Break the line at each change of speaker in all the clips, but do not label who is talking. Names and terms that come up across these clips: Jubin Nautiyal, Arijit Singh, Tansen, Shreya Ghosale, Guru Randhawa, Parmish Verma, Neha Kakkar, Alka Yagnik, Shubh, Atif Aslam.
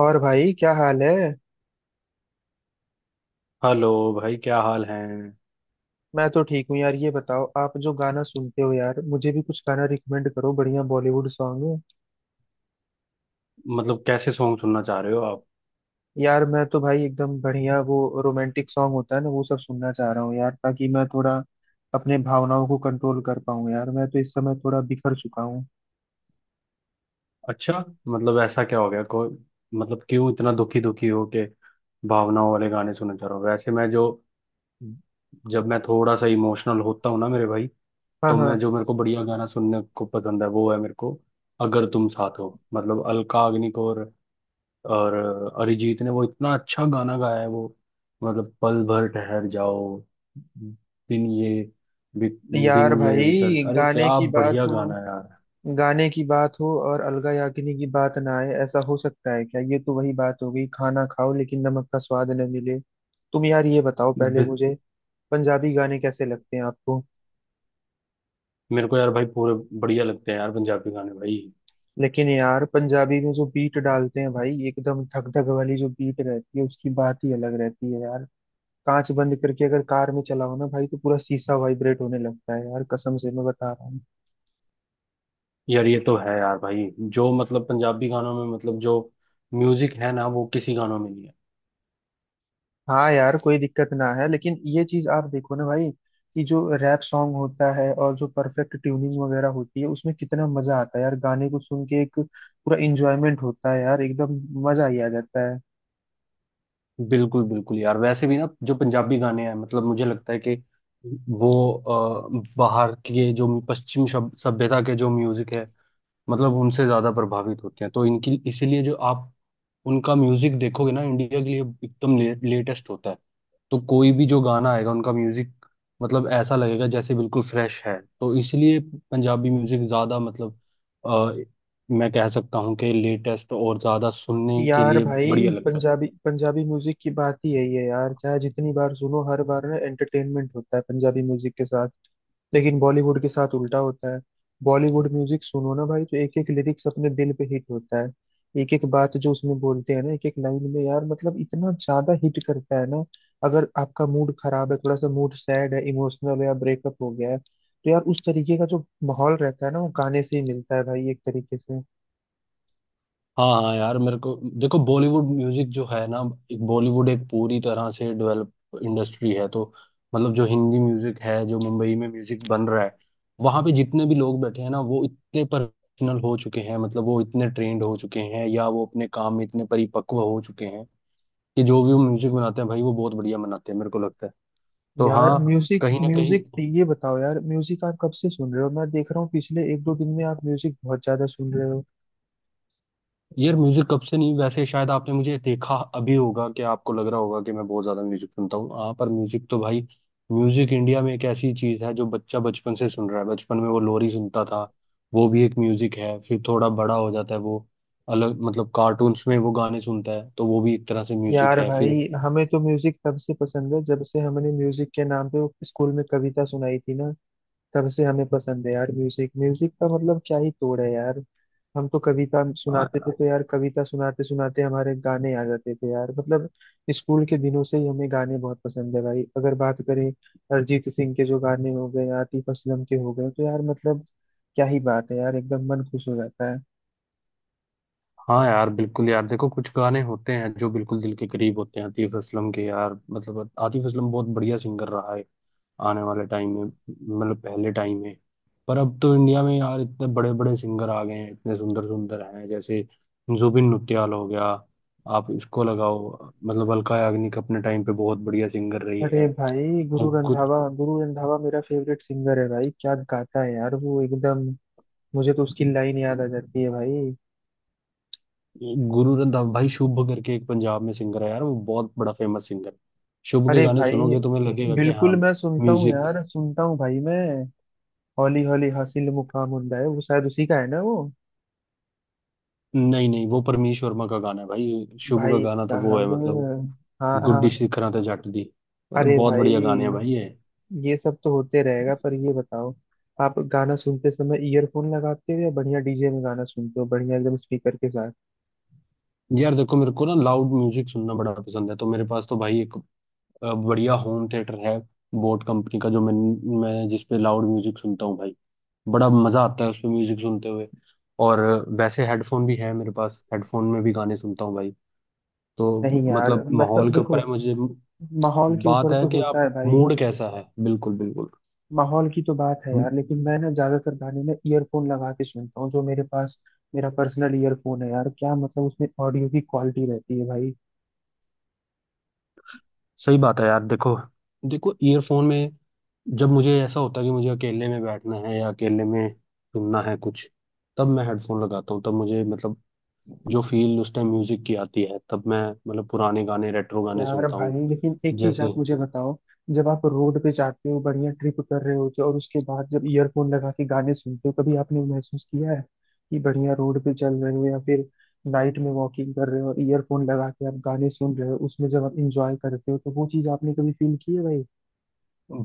और भाई, क्या हाल है।
हेलो। भाई क्या हाल है।
मैं तो ठीक हूँ यार, ये बताओ, आप जो गाना सुनते हो यार, मुझे भी कुछ गाना रिकमेंड करो, बढ़िया बॉलीवुड सॉन्ग।
मतलब कैसे सॉन्ग सुनना चाह रहे हो आप?
यार मैं तो भाई एकदम बढ़िया वो रोमांटिक सॉन्ग होता है ना, वो सब सुनना चाह रहा हूँ यार, ताकि मैं थोड़ा अपने भावनाओं को कंट्रोल कर पाऊँ। यार मैं तो इस समय थोड़ा बिखर चुका हूँ।
अच्छा। मतलब ऐसा क्या हो गया, कोई? मतलब क्यों इतना दुखी दुखी हो के भावनाओं वाले गाने सुनना चाह रहा हूँ? वैसे मैं जो जब मैं थोड़ा सा इमोशनल होता हूँ ना मेरे भाई,
हाँ
तो मैं
हाँ।
जो मेरे को बढ़िया गाना सुनने को पसंद है वो है मेरे को अगर तुम साथ हो। मतलब अलका अग्निक और अरिजीत ने वो इतना अच्छा गाना गाया है। वो मतलब पल भर ठहर जाओ, दिन ये, बि-
यार
दिन ये विसर,
भाई
अरे
गाने
क्या
की बात
बढ़िया
हो,
गाना है यार।
गाने की बात हो और अलगा याग्निक की बात ना आए, ऐसा हो सकता है क्या। ये तो वही बात हो गई, खाना खाओ लेकिन नमक का स्वाद न मिले। तुम यार ये बताओ पहले
बि-
मुझे, पंजाबी गाने कैसे लगते हैं आपको।
मेरे को यार भाई पूरे बढ़िया लगते हैं यार पंजाबी गाने भाई।
लेकिन यार पंजाबी में जो बीट डालते हैं भाई, एकदम धक धक वाली जो बीट रहती है, उसकी बात ही अलग रहती है यार। कांच बंद करके अगर कार में चलाओ ना भाई, तो पूरा शीशा वाइब्रेट होने लगता है यार, कसम से मैं बता रहा हूँ।
यार ये तो है यार भाई, जो मतलब पंजाबी गानों में मतलब जो म्यूजिक है ना वो किसी गानों में नहीं है।
हाँ यार कोई दिक्कत ना है, लेकिन ये चीज आप देखो ना भाई, कि जो रैप सॉन्ग होता है और जो परफेक्ट ट्यूनिंग वगैरह होती है उसमें कितना मजा आता है यार, गाने को सुन के एक पूरा इंजॉयमेंट होता है यार, एकदम मजा ही आ जाता है।
बिल्कुल बिल्कुल यार, वैसे भी ना जो पंजाबी गाने हैं, मतलब मुझे लगता है कि वो बाहर के जो पश्चिम सभ्यता के जो म्यूजिक है मतलब उनसे ज्यादा प्रभावित होती हैं, तो इनकी इसीलिए जो आप उनका म्यूजिक देखोगे ना इंडिया के लिए एकदम लेटेस्ट होता है। तो कोई भी जो गाना आएगा उनका म्यूजिक मतलब ऐसा लगेगा जैसे बिल्कुल फ्रेश है, तो इसलिए पंजाबी म्यूजिक ज्यादा मतलब अ, मैं कह सकता हूँ कि लेटेस्ट और ज्यादा सुनने के
यार
लिए
भाई
बढ़िया लगता है।
पंजाबी पंजाबी म्यूजिक की बात ही यही है यार, चाहे जितनी बार सुनो हर बार ना एंटरटेनमेंट होता है पंजाबी म्यूजिक के साथ। लेकिन बॉलीवुड के साथ उल्टा होता है। बॉलीवुड म्यूजिक सुनो ना भाई, तो एक एक लिरिक्स अपने दिल पे हिट होता है। एक एक बात जो उसमें बोलते हैं ना एक एक लाइन में यार, मतलब इतना ज्यादा हिट करता है ना। अगर आपका मूड खराब है, थोड़ा सा मूड सैड है, इमोशनल है या ब्रेकअप हो गया है, तो यार उस तरीके का जो माहौल रहता है ना, वो गाने से ही मिलता है भाई, एक तरीके से।
हाँ हाँ यार, मेरे को देखो बॉलीवुड म्यूजिक जो है ना, एक बॉलीवुड एक पूरी तरह से डेवलप इंडस्ट्री है, तो मतलब जो हिंदी म्यूजिक है, जो मुंबई में म्यूजिक बन रहा है, वहां पे जितने भी लोग बैठे हैं ना वो इतने प्रोफेशनल हो चुके हैं, मतलब वो इतने ट्रेंड हो चुके हैं या वो अपने काम में इतने परिपक्व हो चुके हैं कि जो भी वो म्यूजिक बनाते हैं भाई वो बहुत बढ़िया बनाते हैं, मेरे को लगता है। तो
यार
हाँ,
म्यूजिक
कहीं ना कहीं
म्यूजिक ये बताओ, यार म्यूजिक आप कब से सुन रहे हो, मैं देख रहा हूँ पिछले एक दो दिन में आप म्यूजिक बहुत ज्यादा सुन रहे हो।
यार म्यूजिक कब से नहीं, वैसे शायद आपने मुझे देखा अभी होगा कि आपको लग रहा होगा कि मैं बहुत ज्यादा म्यूजिक सुनता हूँ। हाँ, पर म्यूजिक तो भाई म्यूजिक इंडिया में एक ऐसी चीज है जो बच्चा बचपन से सुन रहा है। बचपन में वो लोरी सुनता था, वो भी एक म्यूजिक है। फिर थोड़ा बड़ा हो जाता है वो, अलग मतलब कार्टून्स में वो गाने सुनता है, तो वो भी एक तरह से म्यूजिक
यार
है। फिर
भाई हमें तो म्यूजिक तब से पसंद है जब से हमने म्यूजिक के नाम पे वो स्कूल में कविता सुनाई थी ना, तब से हमें पसंद है यार। म्यूजिक म्यूजिक का मतलब क्या ही तोड़ है यार। हम तो कविता सुनाते थे,
आ,
तो यार कविता सुनाते सुनाते हमारे गाने आ जाते थे यार, मतलब स्कूल के दिनों से ही हमें गाने बहुत पसंद है भाई। अगर बात करें अरिजीत सिंह के, जो गाने हो गए आतिफ असलम के हो गए, तो यार मतलब क्या ही बात है यार, एकदम मन खुश हो जाता है।
हाँ यार बिल्कुल यार, देखो कुछ गाने होते हैं जो बिल्कुल दिल के करीब होते हैं। आतिफ असलम के यार मतलब आतिफ असलम बहुत बढ़िया सिंगर रहा है, आने वाले टाइम में मतलब पहले टाइम में। पर अब तो इंडिया में यार इतने बड़े बड़े सिंगर आ गए हैं, इतने सुंदर सुंदर हैं। जैसे जुबिन नौटियाल हो गया, आप इसको लगाओ, मतलब अलका याग्निक अपने टाइम पे बहुत बढ़िया सिंगर रही
अरे
है
भाई, गुरु
और कुछ।
रंधावा, गुरु रंधावा मेरा फेवरेट सिंगर है भाई, क्या गाता है यार वो एकदम। मुझे तो उसकी लाइन याद आ जाती है भाई।
गुरु रंधावा, भाई शुभ करके एक पंजाब में सिंगर है यार, वो बहुत बड़ा फेमस सिंगर है। शुभ के
अरे
गाने
भाई,
सुनोगे तुम्हें लगेगा कि हाँ
बिल्कुल मैं सुनता हूँ
म्यूजिक।
यार, सुनता हूँ भाई मैं। हौली हौली हासिल मुकाम उन्दा है, वो शायद उसी का है ना वो।
नहीं नहीं, वो परमीश वर्मा का गाना है भाई। शुभ का
भाई
गाना तो वो है
साहब,
मतलब
हाँ
गुड्डी
हाँ।
शिखरा ते जट दी। मतलब
अरे
बहुत बढ़िया गाने हैं
भाई,
भाई ये।
ये सब तो होते रहेगा, पर ये बताओ, आप गाना सुनते समय ईयरफोन लगाते हो, या बढ़िया डीजे में गाना सुनते हो, बढ़िया एकदम स्पीकर के साथ।
यार देखो मेरे को ना लाउड म्यूजिक सुनना बड़ा पसंद है, तो मेरे पास तो भाई एक बढ़िया होम थिएटर है, बोट कंपनी का, जो मैं जिस पे लाउड म्यूजिक सुनता हूँ भाई। बड़ा मजा आता है उस पे म्यूजिक सुनते हुए। और वैसे हेडफोन भी है मेरे पास, हेडफोन में भी गाने सुनता हूँ भाई। तो
नहीं यार,
मतलब माहौल
मतलब
के ऊपर
देखो,
है मुझे।
माहौल के
बात
ऊपर
है
तो
कि
होता
आप
है भाई।
मूड कैसा है। बिल्कुल बिल्कुल,
माहौल की तो बात है यार, लेकिन मैं ना ज्यादातर गाने में ईयरफोन लगा के सुनता हूँ, जो मेरे पास मेरा पर्सनल ईयरफोन है यार, क्या मतलब उसमें ऑडियो की क्वालिटी रहती है भाई।
सही बात है यार। देखो, देखो ईयरफोन में जब मुझे ऐसा होता है कि मुझे अकेले में बैठना है या अकेले में सुनना है कुछ, तब मैं हेडफोन लगाता हूँ। तब मुझे मतलब जो फील उस टाइम म्यूजिक की आती है, तब मैं मतलब पुराने गाने रेट्रो गाने
यार
सुनता हूँ।
भाई, लेकिन एक चीज
जैसे
आप मुझे बताओ, जब आप रोड पे जाते हो, बढ़िया ट्रिप कर रहे होते हो, और उसके बाद जब ईयरफोन लगा के गाने सुनते हो, कभी आपने महसूस किया है, कि बढ़िया रोड पे चल रहे हो या फिर नाइट में वॉकिंग कर रहे हो और ईयरफोन लगा के आप गाने सुन रहे हो, उसमें जब आप इंजॉय करते हो, तो वो चीज आपने कभी फील की है भाई।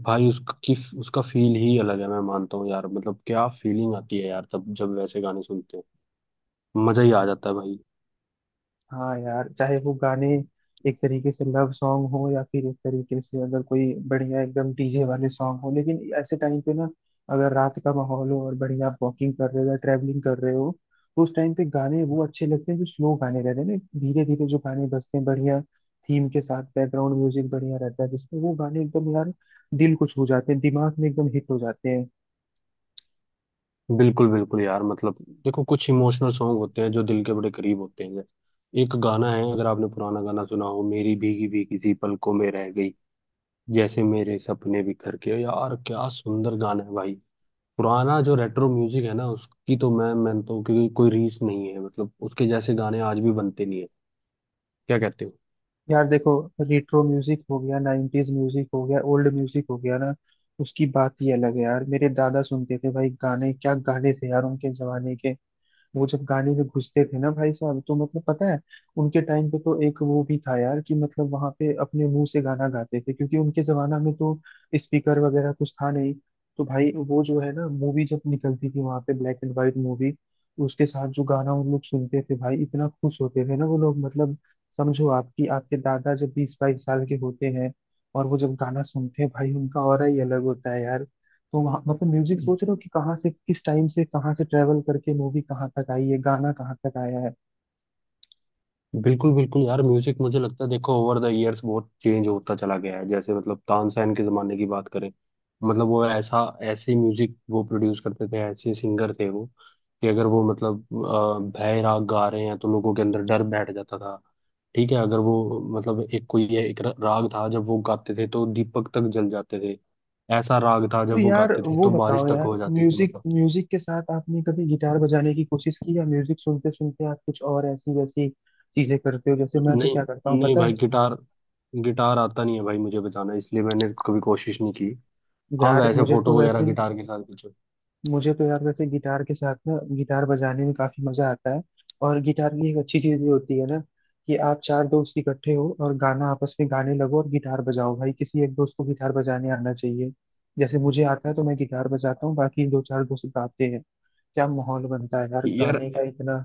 भाई उसकी, उसका फील ही अलग है, मैं मानता हूँ यार। मतलब क्या फीलिंग आती है यार, तब जब वैसे गाने सुनते हैं। मजा ही आ जाता है भाई।
हाँ यार, चाहे वो गाने एक तरीके से लव सॉन्ग हो, या फिर एक तरीके से अगर कोई बढ़िया एकदम डीजे वाले सॉन्ग हो, लेकिन ऐसे टाइम पे ना, अगर रात का माहौल हो और बढ़िया आप वॉकिंग कर रहे हो या ट्रैवलिंग कर रहे हो, तो उस टाइम पे गाने वो अच्छे लगते हैं जो स्लो गाने रहते हैं ना, धीरे धीरे जो गाने बजते हैं, बढ़िया थीम के साथ बैकग्राउंड म्यूजिक बढ़िया रहता है, जिसमें वो गाने एकदम यार दिल को छू जाते हैं, दिमाग में एकदम हिट हो जाते हैं।
बिल्कुल बिल्कुल यार, मतलब देखो कुछ इमोशनल सॉन्ग होते हैं जो दिल के बड़े करीब होते हैं। एक गाना है, अगर आपने पुराना गाना सुना हो, मेरी भीगी भीगी सी पलकों में रह गई जैसे मेरे सपने बिखर के, यार क्या सुंदर गाना है भाई। पुराना जो रेट्रो म्यूजिक है ना उसकी तो मैं तो क्योंकि कोई रीस नहीं है, मतलब उसके जैसे गाने आज भी बनते नहीं है। क्या कहते
यार देखो, रेट्रो म्यूजिक हो गया, नाइन्टीज म्यूजिक हो गया, ओल्ड म्यूजिक हो गया ना, उसकी बात ही अलग है यार। मेरे दादा सुनते थे भाई गाने, क्या गाने थे यार उनके जमाने के। वो जब गाने में घुसते थे ना भाई साहब, तो मतलब पता है, उनके टाइम पे तो एक वो भी था यार, कि मतलब वहां पे अपने मुंह से गाना गाते थे, क्योंकि उनके जमाना में तो स्पीकर वगैरह कुछ था नहीं। तो भाई वो जो है ना, मूवी जब निकलती थी वहां पे, ब्लैक एंड व्हाइट मूवी, उसके साथ जो गाना उन लोग सुनते थे भाई, इतना खुश होते थे ना वो लोग, मतलब समझो आपकी आपके दादा जब 20-22 साल के होते हैं, और वो जब गाना सुनते हैं भाई, उनका ऑरा ही अलग होता है यार। तो वहाँ मतलब
हो।
म्यूजिक, सोच रहे हो कि कहाँ से, किस टाइम से कहाँ से ट्रेवल करके मूवी कहाँ तक आई है, गाना कहाँ तक आया है।
बिल्कुल बिल्कुल यार, म्यूजिक मुझे लगता है, देखो ओवर द इयर्स बहुत चेंज होता चला गया है। जैसे मतलब तानसेन के जमाने की बात करें, मतलब वो ऐसा, ऐसे म्यूजिक वो प्रोड्यूस करते थे, ऐसे सिंगर थे वो, कि अगर वो मतलब भय राग गा रहे हैं तो लोगों के अंदर डर बैठ जाता था। ठीक है, अगर वो मतलब एक कोई ये एक राग था जब वो गाते थे तो दीपक तक जल जाते थे। ऐसा राग था
तो
जब वो
यार
गाते थे
वो
तो बारिश
बताओ
तक
यार,
हो जाती थी
म्यूजिक
मतलब।
म्यूजिक के साथ आपने कभी गिटार बजाने की कोशिश की, या म्यूजिक सुनते सुनते आप कुछ और ऐसी वैसी चीजें करते हो, जैसे मैं तो
नहीं
क्या करता हूँ
नहीं
पता है।
भाई, गिटार, गिटार आता नहीं है भाई मुझे बजाना, इसलिए मैंने कभी कोशिश नहीं की। हाँ
यार
वैसे
मुझे तो
फोटो वगैरह
वैसे
गिटार के साथ खींचो।
मुझे तो यार वैसे गिटार के साथ ना, गिटार बजाने में काफी मजा आता है। और गिटार की एक अच्छी चीज ये होती है ना, कि आप चार दोस्त इकट्ठे हो और गाना आपस में गाने लगो और गिटार बजाओ, भाई किसी एक दोस्त को गिटार बजाने आना चाहिए, जैसे मुझे आता है तो मैं गिटार बजाता हूँ, बाकी दो चार दोस्त गाते हैं, क्या माहौल बनता है यार
यार
गाने का, इतना।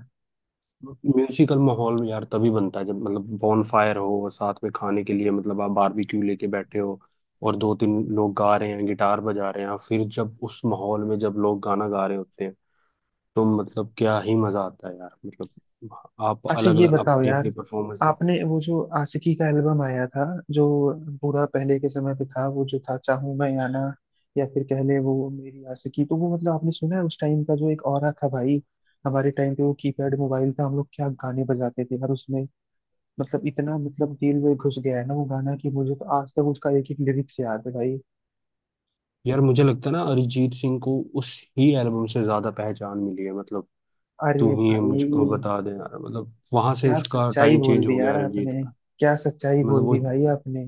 म्यूजिकल माहौल में यार तभी बनता है जब मतलब बॉन फायर हो और साथ में खाने के लिए मतलब आप बारबेक्यू लेके बैठे हो और दो तीन लोग गा रहे हैं, गिटार बजा रहे हैं। फिर जब उस माहौल में जब लोग गाना गा रहे होते हैं, तो मतलब क्या ही मजा आता है यार। मतलब आप
अच्छा
अलग
ये
अलग
बताओ
अपनी अपनी
यार,
परफॉर्मेंस।
आपने वो जो आशिकी का एल्बम आया था जो पूरा पहले के समय पे था, वो जो था चाहूं मैं या ना, या फिर कह ले वो मेरी आशिकी, तो वो मतलब आपने सुना है, उस टाइम का जो एक ऑरा था भाई। हमारे टाइम पे वो कीपैड मोबाइल था, हम लोग क्या गाने बजाते थे यार उसमें, मतलब इतना, मतलब दिल में घुस गया है ना वो गाना, कि मुझे तो आज तक उसका एक एक लिरिक्स याद है भाई।
यार मुझे लगता है ना अरिजीत सिंह को उस ही एल्बम से ज्यादा पहचान मिली है। मतलब तू
अरे
ही है
भाई,
मुझको बता दे, यार मतलब वहां से
क्या
उसका
सच्चाई
टाइम
बोल
चेंज
दी
हो गया
यार
अरिजीत
आपने,
का।
क्या सच्चाई
मतलब
बोल
वो
दी भाई आपने।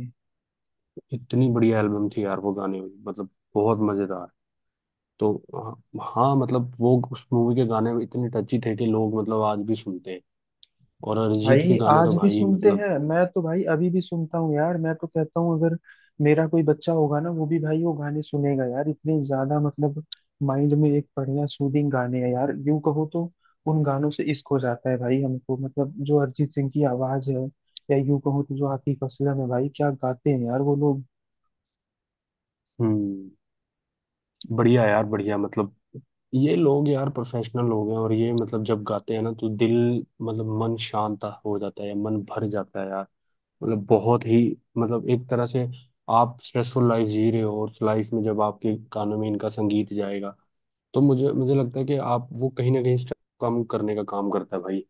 इतनी बढ़िया एल्बम थी यार, वो गाने मतलब बहुत मजेदार। तो हाँ, हाँ, मतलब वो उस मूवी के गाने इतने टची थे कि लोग मतलब आज भी सुनते हैं। और अरिजीत के
भाई
गाने
आज
तो
भी
भाई
सुनते
मतलब।
हैं, मैं तो भाई अभी भी सुनता हूँ यार, मैं तो कहता हूँ अगर मेरा कोई बच्चा होगा ना, वो भी भाई वो गाने सुनेगा यार, इतने ज्यादा मतलब माइंड में एक बढ़िया सूदिंग गाने हैं यार, यूं कहो तो उन गानों से इश्क हो जाता है भाई हमको, मतलब जो अरिजीत सिंह की आवाज है, या यूं कहो तो जो आतिफ असलम है भाई, क्या गाते हैं यार वो लोग।
हम्म, बढ़िया यार बढ़िया। मतलब ये लोग यार प्रोफेशनल लोग हैं, और ये मतलब जब गाते हैं ना तो दिल, मतलब मन शांत हो जाता है, मन भर जाता है यार। मतलब बहुत ही, मतलब एक तरह से आप स्ट्रेसफुल लाइफ जी रहे हो, और लाइफ में जब आपके कानों में इनका संगीत जाएगा, तो मुझे मुझे लगता है कि आप वो कहीं ना कहीं स्ट्रेस कम करने का काम करता है भाई।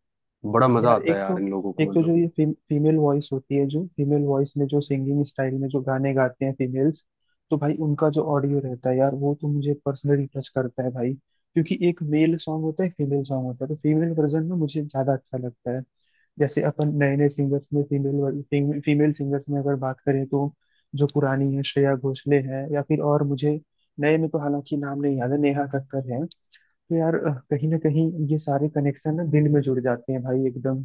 बड़ा मजा
यार
आता है
एक
यार
तो
इन लोगों
एक
को
तो जो
मतलब।
ये फीमेल वॉइस होती है, जो फीमेल वॉइस में जो सिंगिंग स्टाइल में जो गाने गाते हैं फीमेल्स, तो भाई उनका जो ऑडियो रहता है यार, वो तो मुझे पर्सनली टच करता है भाई, क्योंकि एक मेल सॉन्ग होता है, फीमेल सॉन्ग होता है, तो फीमेल वर्जन में मुझे ज्यादा अच्छा लगता है। जैसे अपन नए नए सिंगर्स में, फीमेल फीमेल सिंगर्स में अगर बात करें तो, जो पुरानी है श्रेया घोषाले हैं, या फिर और मुझे नए में, तो हालांकि नाम नहीं याद है, नेहा कक्कर हैं। तो यार कहीं ना कहीं ये सारे कनेक्शन ना दिल में जुड़ जाते हैं भाई एकदम।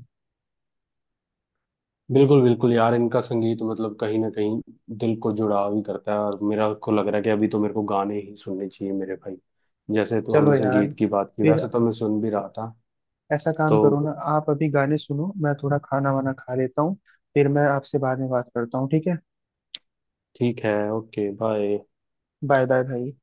बिल्कुल बिल्कुल यार, इनका संगीत मतलब कहीं ना कहीं दिल को जुड़ाव ही करता है। और मेरा को लग रहा है कि अभी तो मेरे को गाने ही सुनने चाहिए मेरे भाई। जैसे तो
चलो
हमने
यार,
संगीत की बात की,
फिर
वैसे तो मैं सुन भी रहा था।
ऐसा काम
तो
करो ना आप, अभी गाने सुनो, मैं थोड़ा खाना वाना खा लेता हूँ, फिर मैं आपसे बाद में बात करता हूँ, ठीक है।
ठीक है, ओके बाय।
बाय बाय भाई।